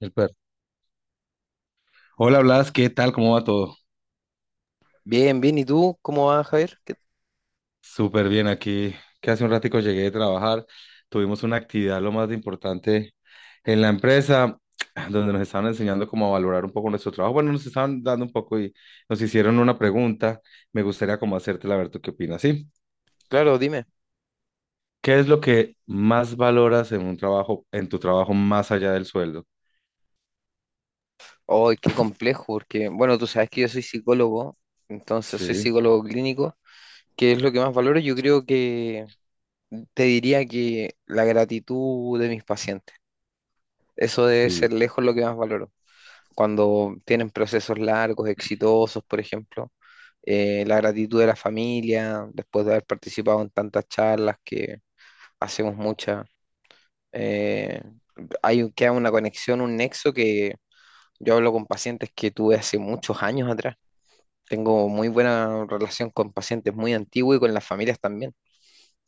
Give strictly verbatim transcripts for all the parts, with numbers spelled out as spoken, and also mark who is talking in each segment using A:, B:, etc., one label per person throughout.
A: El perro. Hola Blas, ¿qué tal? ¿Cómo va todo?
B: Bien, bien. ¿Y tú cómo vas, Javier? ¿Qué-
A: Súper bien aquí, que hace un ratico llegué de trabajar. Tuvimos una actividad lo más importante en la empresa, donde nos estaban enseñando cómo a valorar un poco nuestro trabajo. Bueno, nos estaban dando un poco y nos hicieron una pregunta. Me gustaría como hacértela a ver tú qué opinas, ¿sí?
B: Claro, dime.
A: ¿Qué es lo que más valoras en un trabajo, en tu trabajo más allá del sueldo?
B: Oh, qué complejo, porque, bueno, tú sabes que yo soy psicólogo, entonces soy
A: Sí,
B: psicólogo clínico, que es lo que más valoro. Yo creo que te diría que la gratitud de mis pacientes, eso debe
A: sí.
B: ser lejos lo que más valoro. Cuando tienen procesos largos, exitosos, por ejemplo, eh, la gratitud de la familia, después de haber participado en tantas charlas que hacemos muchas, eh, hay, un- queda una conexión, un nexo que Yo hablo con pacientes que tuve hace muchos años atrás. Tengo muy buena relación con pacientes muy antiguos y con las familias también.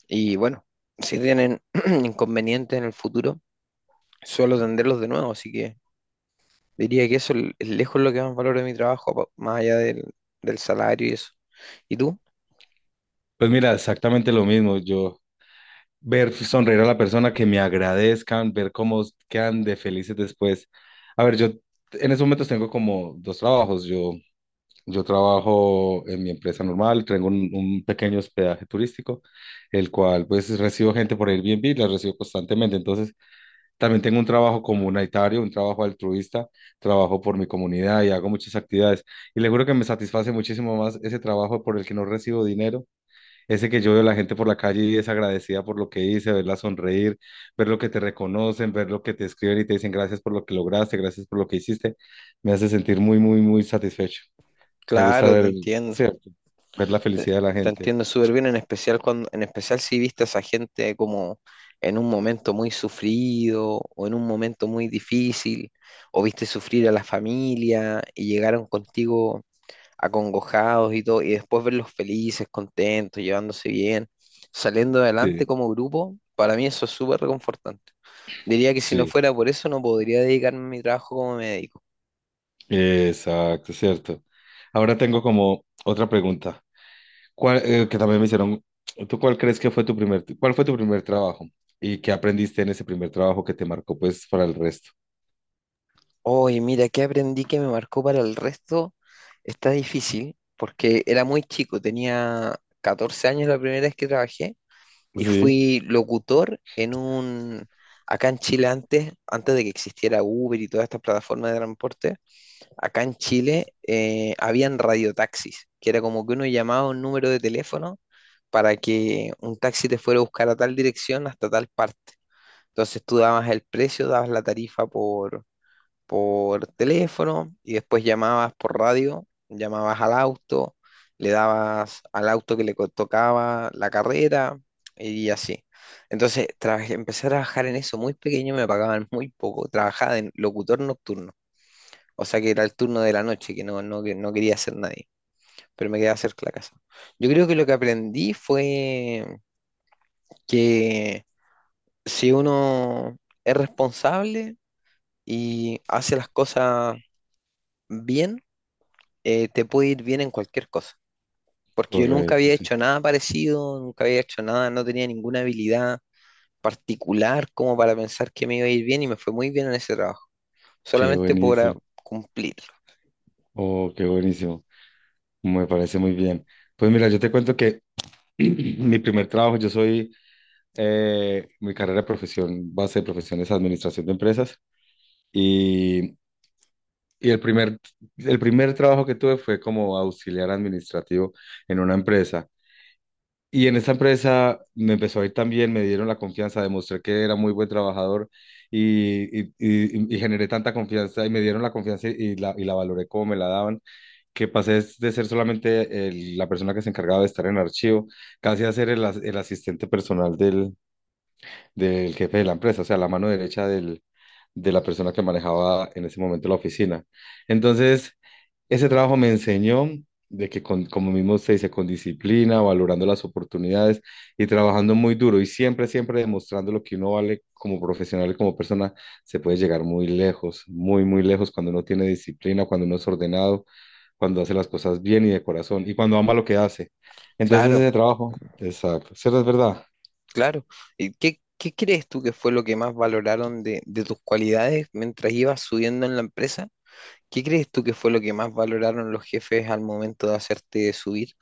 B: Y bueno, si tienen inconvenientes en el futuro, suelo atenderlos de nuevo. Así que diría que eso l- es lejos lo que más valoro de mi trabajo, pa- más allá del, del salario y eso. ¿Y tú?
A: Pues mira, exactamente lo mismo. Yo ver sonreír a la persona, que me agradezcan, ver cómo quedan de felices después. A ver, yo en esos momentos tengo como dos trabajos. Yo, yo trabajo en mi empresa normal, tengo un, un pequeño hospedaje turístico, el cual pues recibo gente por Airbnb, la recibo constantemente. Entonces, también tengo un trabajo comunitario, un trabajo altruista, trabajo por mi comunidad y hago muchas actividades. Y le juro que me satisface muchísimo más ese trabajo por el que no recibo dinero, ese que yo veo la gente por la calle y es agradecida por lo que hice, verla sonreír, ver lo que te reconocen, ver lo que te escriben y te dicen gracias por lo que lograste, gracias por lo que hiciste, me hace sentir muy, muy, muy satisfecho. Me gusta
B: Claro, te
A: ver,
B: entiendo.
A: cierto, ver la
B: Te,
A: felicidad de la
B: te
A: gente.
B: entiendo súper bien, en especial cuando, en especial si viste a esa gente como en un momento muy sufrido o en un momento muy difícil, o viste sufrir a la familia y llegaron contigo acongojados y todo, y después verlos felices, contentos, llevándose bien, saliendo
A: Sí,
B: adelante como grupo, para mí eso es súper reconfortante. Diría que si no
A: sí,
B: fuera por eso no podría dedicarme a mi trabajo como médico.
A: exacto, cierto. Ahora tengo como otra pregunta. ¿Cuál, eh, que también me hicieron, ¿tú cuál crees que fue tu primer, cuál fue tu primer trabajo y qué aprendiste en ese primer trabajo que te marcó pues para el resto?
B: Oye, mira, ¿qué aprendí que me marcó para el resto? Está difícil porque era muy chico, tenía catorce años la primera vez que trabajé y
A: Sí,
B: fui locutor en un... Acá en Chile antes, antes de que existiera Uber y todas estas plataformas de transporte, acá en Chile, eh, habían radiotaxis, que era como que uno llamaba a un número de teléfono para que un taxi te fuera a buscar a tal dirección hasta tal parte. Entonces tú dabas el precio, dabas la tarifa por por teléfono y después llamabas por radio, llamabas al auto, le dabas al auto que le co- tocaba la carrera y así. Entonces, tra- empecé a trabajar en eso muy pequeño, me pagaban muy poco. Trabajaba en locutor nocturno, o sea que era el turno de la noche, que no, no, que no quería hacer nadie, pero me quedaba cerca de la casa. Yo creo que lo que aprendí fue que si uno es responsable y hace las cosas bien, eh, te puede ir bien en cualquier cosa. Porque yo nunca
A: correcto,
B: había
A: sí.
B: hecho nada parecido, nunca había hecho nada, no tenía ninguna habilidad particular como para pensar que me iba a ir bien y me fue muy bien en ese trabajo,
A: Qué
B: solamente por ah,
A: buenísimo.
B: cumplirlo.
A: Oh, qué buenísimo. Me parece muy bien. Pues mira, yo te cuento que mi primer trabajo, yo soy, eh, mi carrera de profesión, base de profesión es administración de empresas y, y el primer, el primer trabajo que tuve fue como auxiliar administrativo en una empresa. Y en esta empresa me empezó a ir tan bien, me dieron la confianza, demostré que era muy buen trabajador y, y, y- y generé tanta confianza y me dieron la confianza y la, y la valoré como me la daban, que pasé es de ser solamente el- la persona que se encargaba de estar en el archivo, casi a ser el, as- el asistente personal del, del jefe de la empresa, o sea, la mano derecha del, de la persona que manejaba en ese momento la oficina. Entonces, ese trabajo me enseñó de que, con, como mismo se dice, con disciplina, valorando las oportunidades y trabajando muy duro y siempre, siempre demostrando lo que uno vale como profesional y como persona, se puede llegar muy lejos, muy, muy lejos cuando uno tiene disciplina, cuando uno es ordenado, cuando hace las cosas bien y de corazón y cuando ama lo que hace. Entonces
B: Claro,
A: ese trabajo, exacto, cierto, es verdad.
B: claro. ¿Y qué, qué crees tú que fue lo que más valoraron de, de tus cualidades mientras ibas subiendo en la empresa? ¿Qué crees tú que fue lo que más valoraron los jefes al momento de hacerte subir?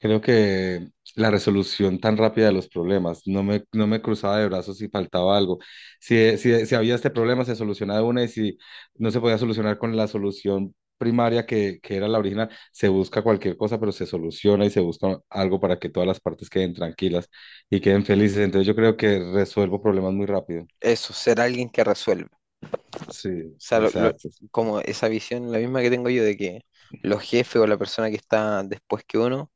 A: Creo que la resolución tan rápida de los problemas, no me, no me cruzaba de brazos si faltaba algo. Si, si, si había este problema, se solucionaba de una, y si no se podía solucionar con la solución primaria que, que era la original, se busca cualquier cosa, pero se soluciona y se busca algo para que todas las partes queden tranquilas y queden felices. Entonces yo creo que resuelvo problemas muy rápido.
B: Eso, ser alguien que resuelve.
A: Sí,
B: Sea, lo- lo-
A: exacto.
B: como esa visión, la misma que tengo yo de que los jefes o la persona que está después que uno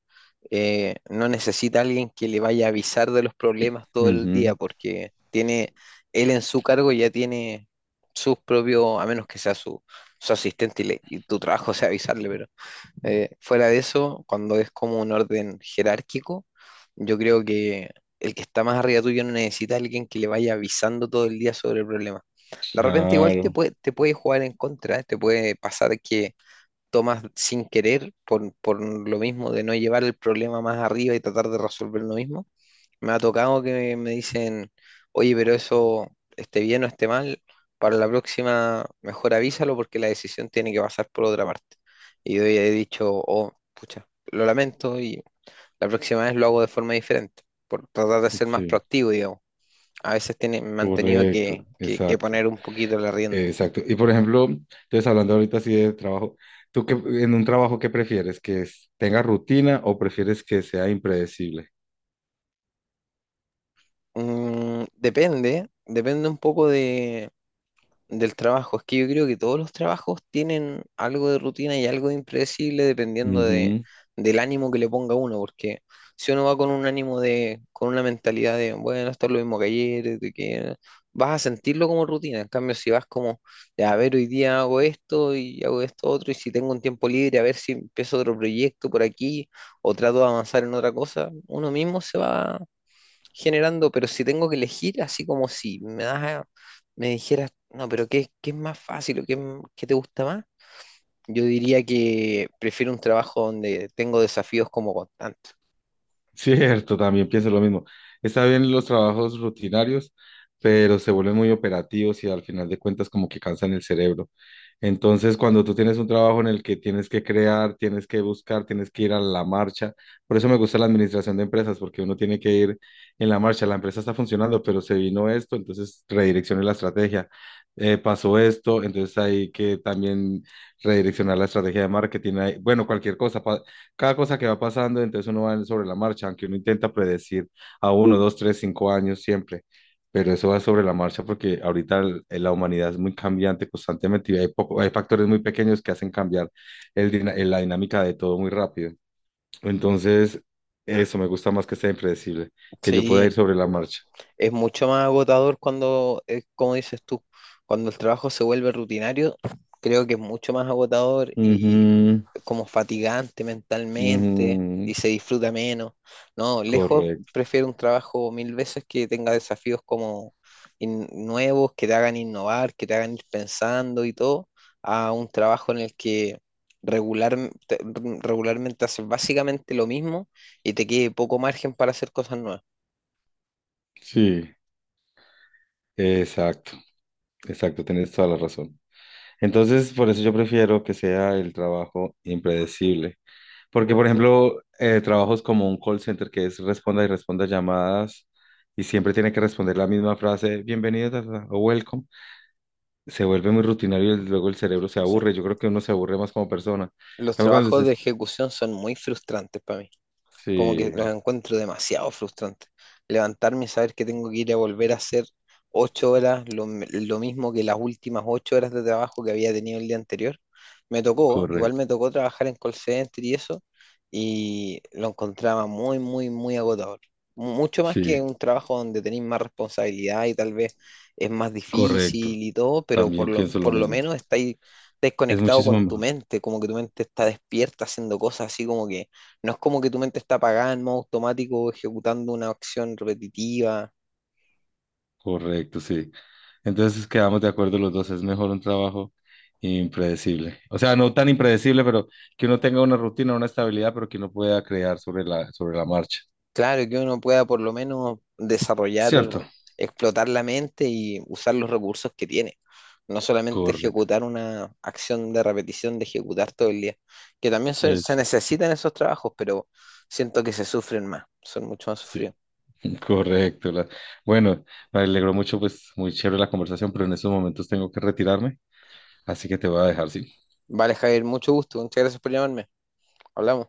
B: eh, no necesita a alguien que le vaya a avisar de los problemas todo el día,
A: Ujú.
B: porque tiene él en su cargo ya tiene sus propios, a menos que sea su, su asistente y, le- y tu trabajo sea avisarle, pero eh, fuera de eso, cuando es como un orden jerárquico, yo creo que el que está más arriba tuyo no necesita a alguien que le vaya avisando todo el día sobre el problema. De repente igual te
A: Claro,
B: puede, te puede jugar en contra, te puede pasar que tomas sin querer por, por lo mismo de no llevar el problema más arriba y tratar de resolverlo mismo, me ha tocado que me dicen, oye, pero eso esté bien o esté mal, para la próxima mejor avísalo porque la decisión tiene que pasar por otra parte. Y yo ya he dicho, oh, pucha, lo lamento y la próxima vez lo hago de forma diferente, por tratar de ser más
A: sí,
B: proactivo, digamos. A veces tiene, me han tenido
A: correcto,
B: que, que- que
A: exacto,
B: poner un poquito la
A: eh,
B: rienda.
A: exacto. Y por ejemplo, entonces hablando ahorita así de trabajo, ¿tú qué, en un trabajo qué prefieres? ¿Que es- tenga rutina o prefieres que sea impredecible?
B: Mm, depende, depende un poco del trabajo, es que yo creo que todos los trabajos tienen algo de rutina y algo de impredecible dependiendo de, del ánimo que le ponga uno, porque si uno va con un ánimo de, con una mentalidad de, bueno, esto es lo mismo que ayer, de que vas a sentirlo como rutina, en cambio si vas como, de, a ver, hoy día hago esto y hago esto otro, y si tengo un tiempo libre, a ver si empiezo otro proyecto por aquí o trato de avanzar en otra cosa, uno mismo se va generando, pero si tengo que elegir, así como si me das, a- me dijeras, no, pero ¿qué, qué es más fácil o qué, m- qué te gusta más? Yo diría que prefiero un trabajo donde tengo desafíos como constantes.
A: Cierto, también pienso lo mismo. Está bien los trabajos rutinarios, pero se vuelven muy operativos y al final de cuentas como que cansan el cerebro. Entonces, cuando tú tienes un trabajo en el que tienes que crear, tienes que buscar, tienes que ir a la marcha, por eso me gusta la administración de empresas, porque uno tiene que ir en la marcha. La empresa está funcionando, pero se vino esto, entonces redireccione la estrategia. Eh, pasó esto, entonces hay que también redireccionar la estrategia de marketing. Hay- bueno, cualquier cosa, cada cosa que va pasando, entonces uno va sobre la marcha, aunque uno intenta predecir a uno, dos, tres, cinco años siempre, pero eso va sobre la marcha porque ahorita el- la humanidad es muy cambiante constantemente y hay, poco, hay factores muy pequeños que hacen cambiar el, dina- la dinámica de todo muy rápido. Entonces, eso me gusta más, que sea impredecible, que yo pueda ir
B: Sí,
A: sobre la marcha.
B: es mucho más agotador cuando, eh, como dices tú, cuando el trabajo se vuelve rutinario, creo que es mucho más agotador y
A: Ujú,
B: como fatigante mentalmente
A: ujú,
B: y se disfruta menos. No, lejos
A: correcto.
B: prefiero un trabajo mil veces que tenga desafíos como in- nuevos, que te hagan innovar, que te hagan ir pensando y todo, a un trabajo en el que regular, te- regularmente haces básicamente lo mismo y te quede poco margen para hacer cosas nuevas.
A: Sí, exacto, exacto, tienes toda la razón. Entonces, por eso yo prefiero que sea el trabajo impredecible. Porque, por ejemplo, eh, trabajos como un call center que es responda y responda llamadas y siempre tiene que responder la misma frase, bienvenido ta, ta, ta, o welcome, se vuelve muy rutinario y luego el cerebro se
B: Sí.
A: aburre. Yo creo que uno se aburre más como persona. En
B: Los
A: cambio, cuando
B: trabajos
A: usted...
B: de ejecución son muy frustrantes para mí. Como que
A: Sí,
B: los encuentro demasiado frustrantes. Levantarme y saber que tengo que ir a volver a hacer ocho horas, lo, m- lo mismo que las últimas ocho horas de trabajo que había tenido el día anterior. Me tocó, igual
A: correcto.
B: me tocó trabajar en call center y eso, y lo encontraba muy, muy, muy agotador. Mu- Mucho más que
A: Sí,
B: un trabajo donde tenéis más responsabilidad y tal vez es más
A: correcto.
B: difícil y todo, pero por
A: También
B: lo,
A: pienso lo
B: por lo
A: mismo.
B: menos estáis
A: Es
B: desconectado
A: muchísimo
B: con tu
A: mejor.
B: mente, como que tu mente está despierta haciendo cosas así como que no es como que tu mente está apagada en modo automático ejecutando una acción repetitiva.
A: Correcto, sí. Entonces quedamos de acuerdo los dos, es mejor un trabajo impredecible. O sea, no tan impredecible, pero que uno tenga una rutina, una estabilidad, pero que uno pueda crear sobre la, sobre la marcha.
B: Claro, que uno pueda por lo menos desarrollar,
A: ¿Cierto?
B: explotar la mente y usar los recursos que tiene. No solamente
A: Correcto.
B: ejecutar una acción de repetición, de ejecutar todo el día. Que también se, se
A: Es,
B: necesitan esos trabajos, pero siento que se sufren más, son mucho más
A: sí,
B: sufridos.
A: correcto. La- bueno, me alegró mucho, pues muy chévere la conversación, pero en estos momentos tengo que retirarme, así que te voy a dejar, ¿sí?
B: Vale, Javier, mucho gusto. Muchas gracias por llamarme. Hablamos.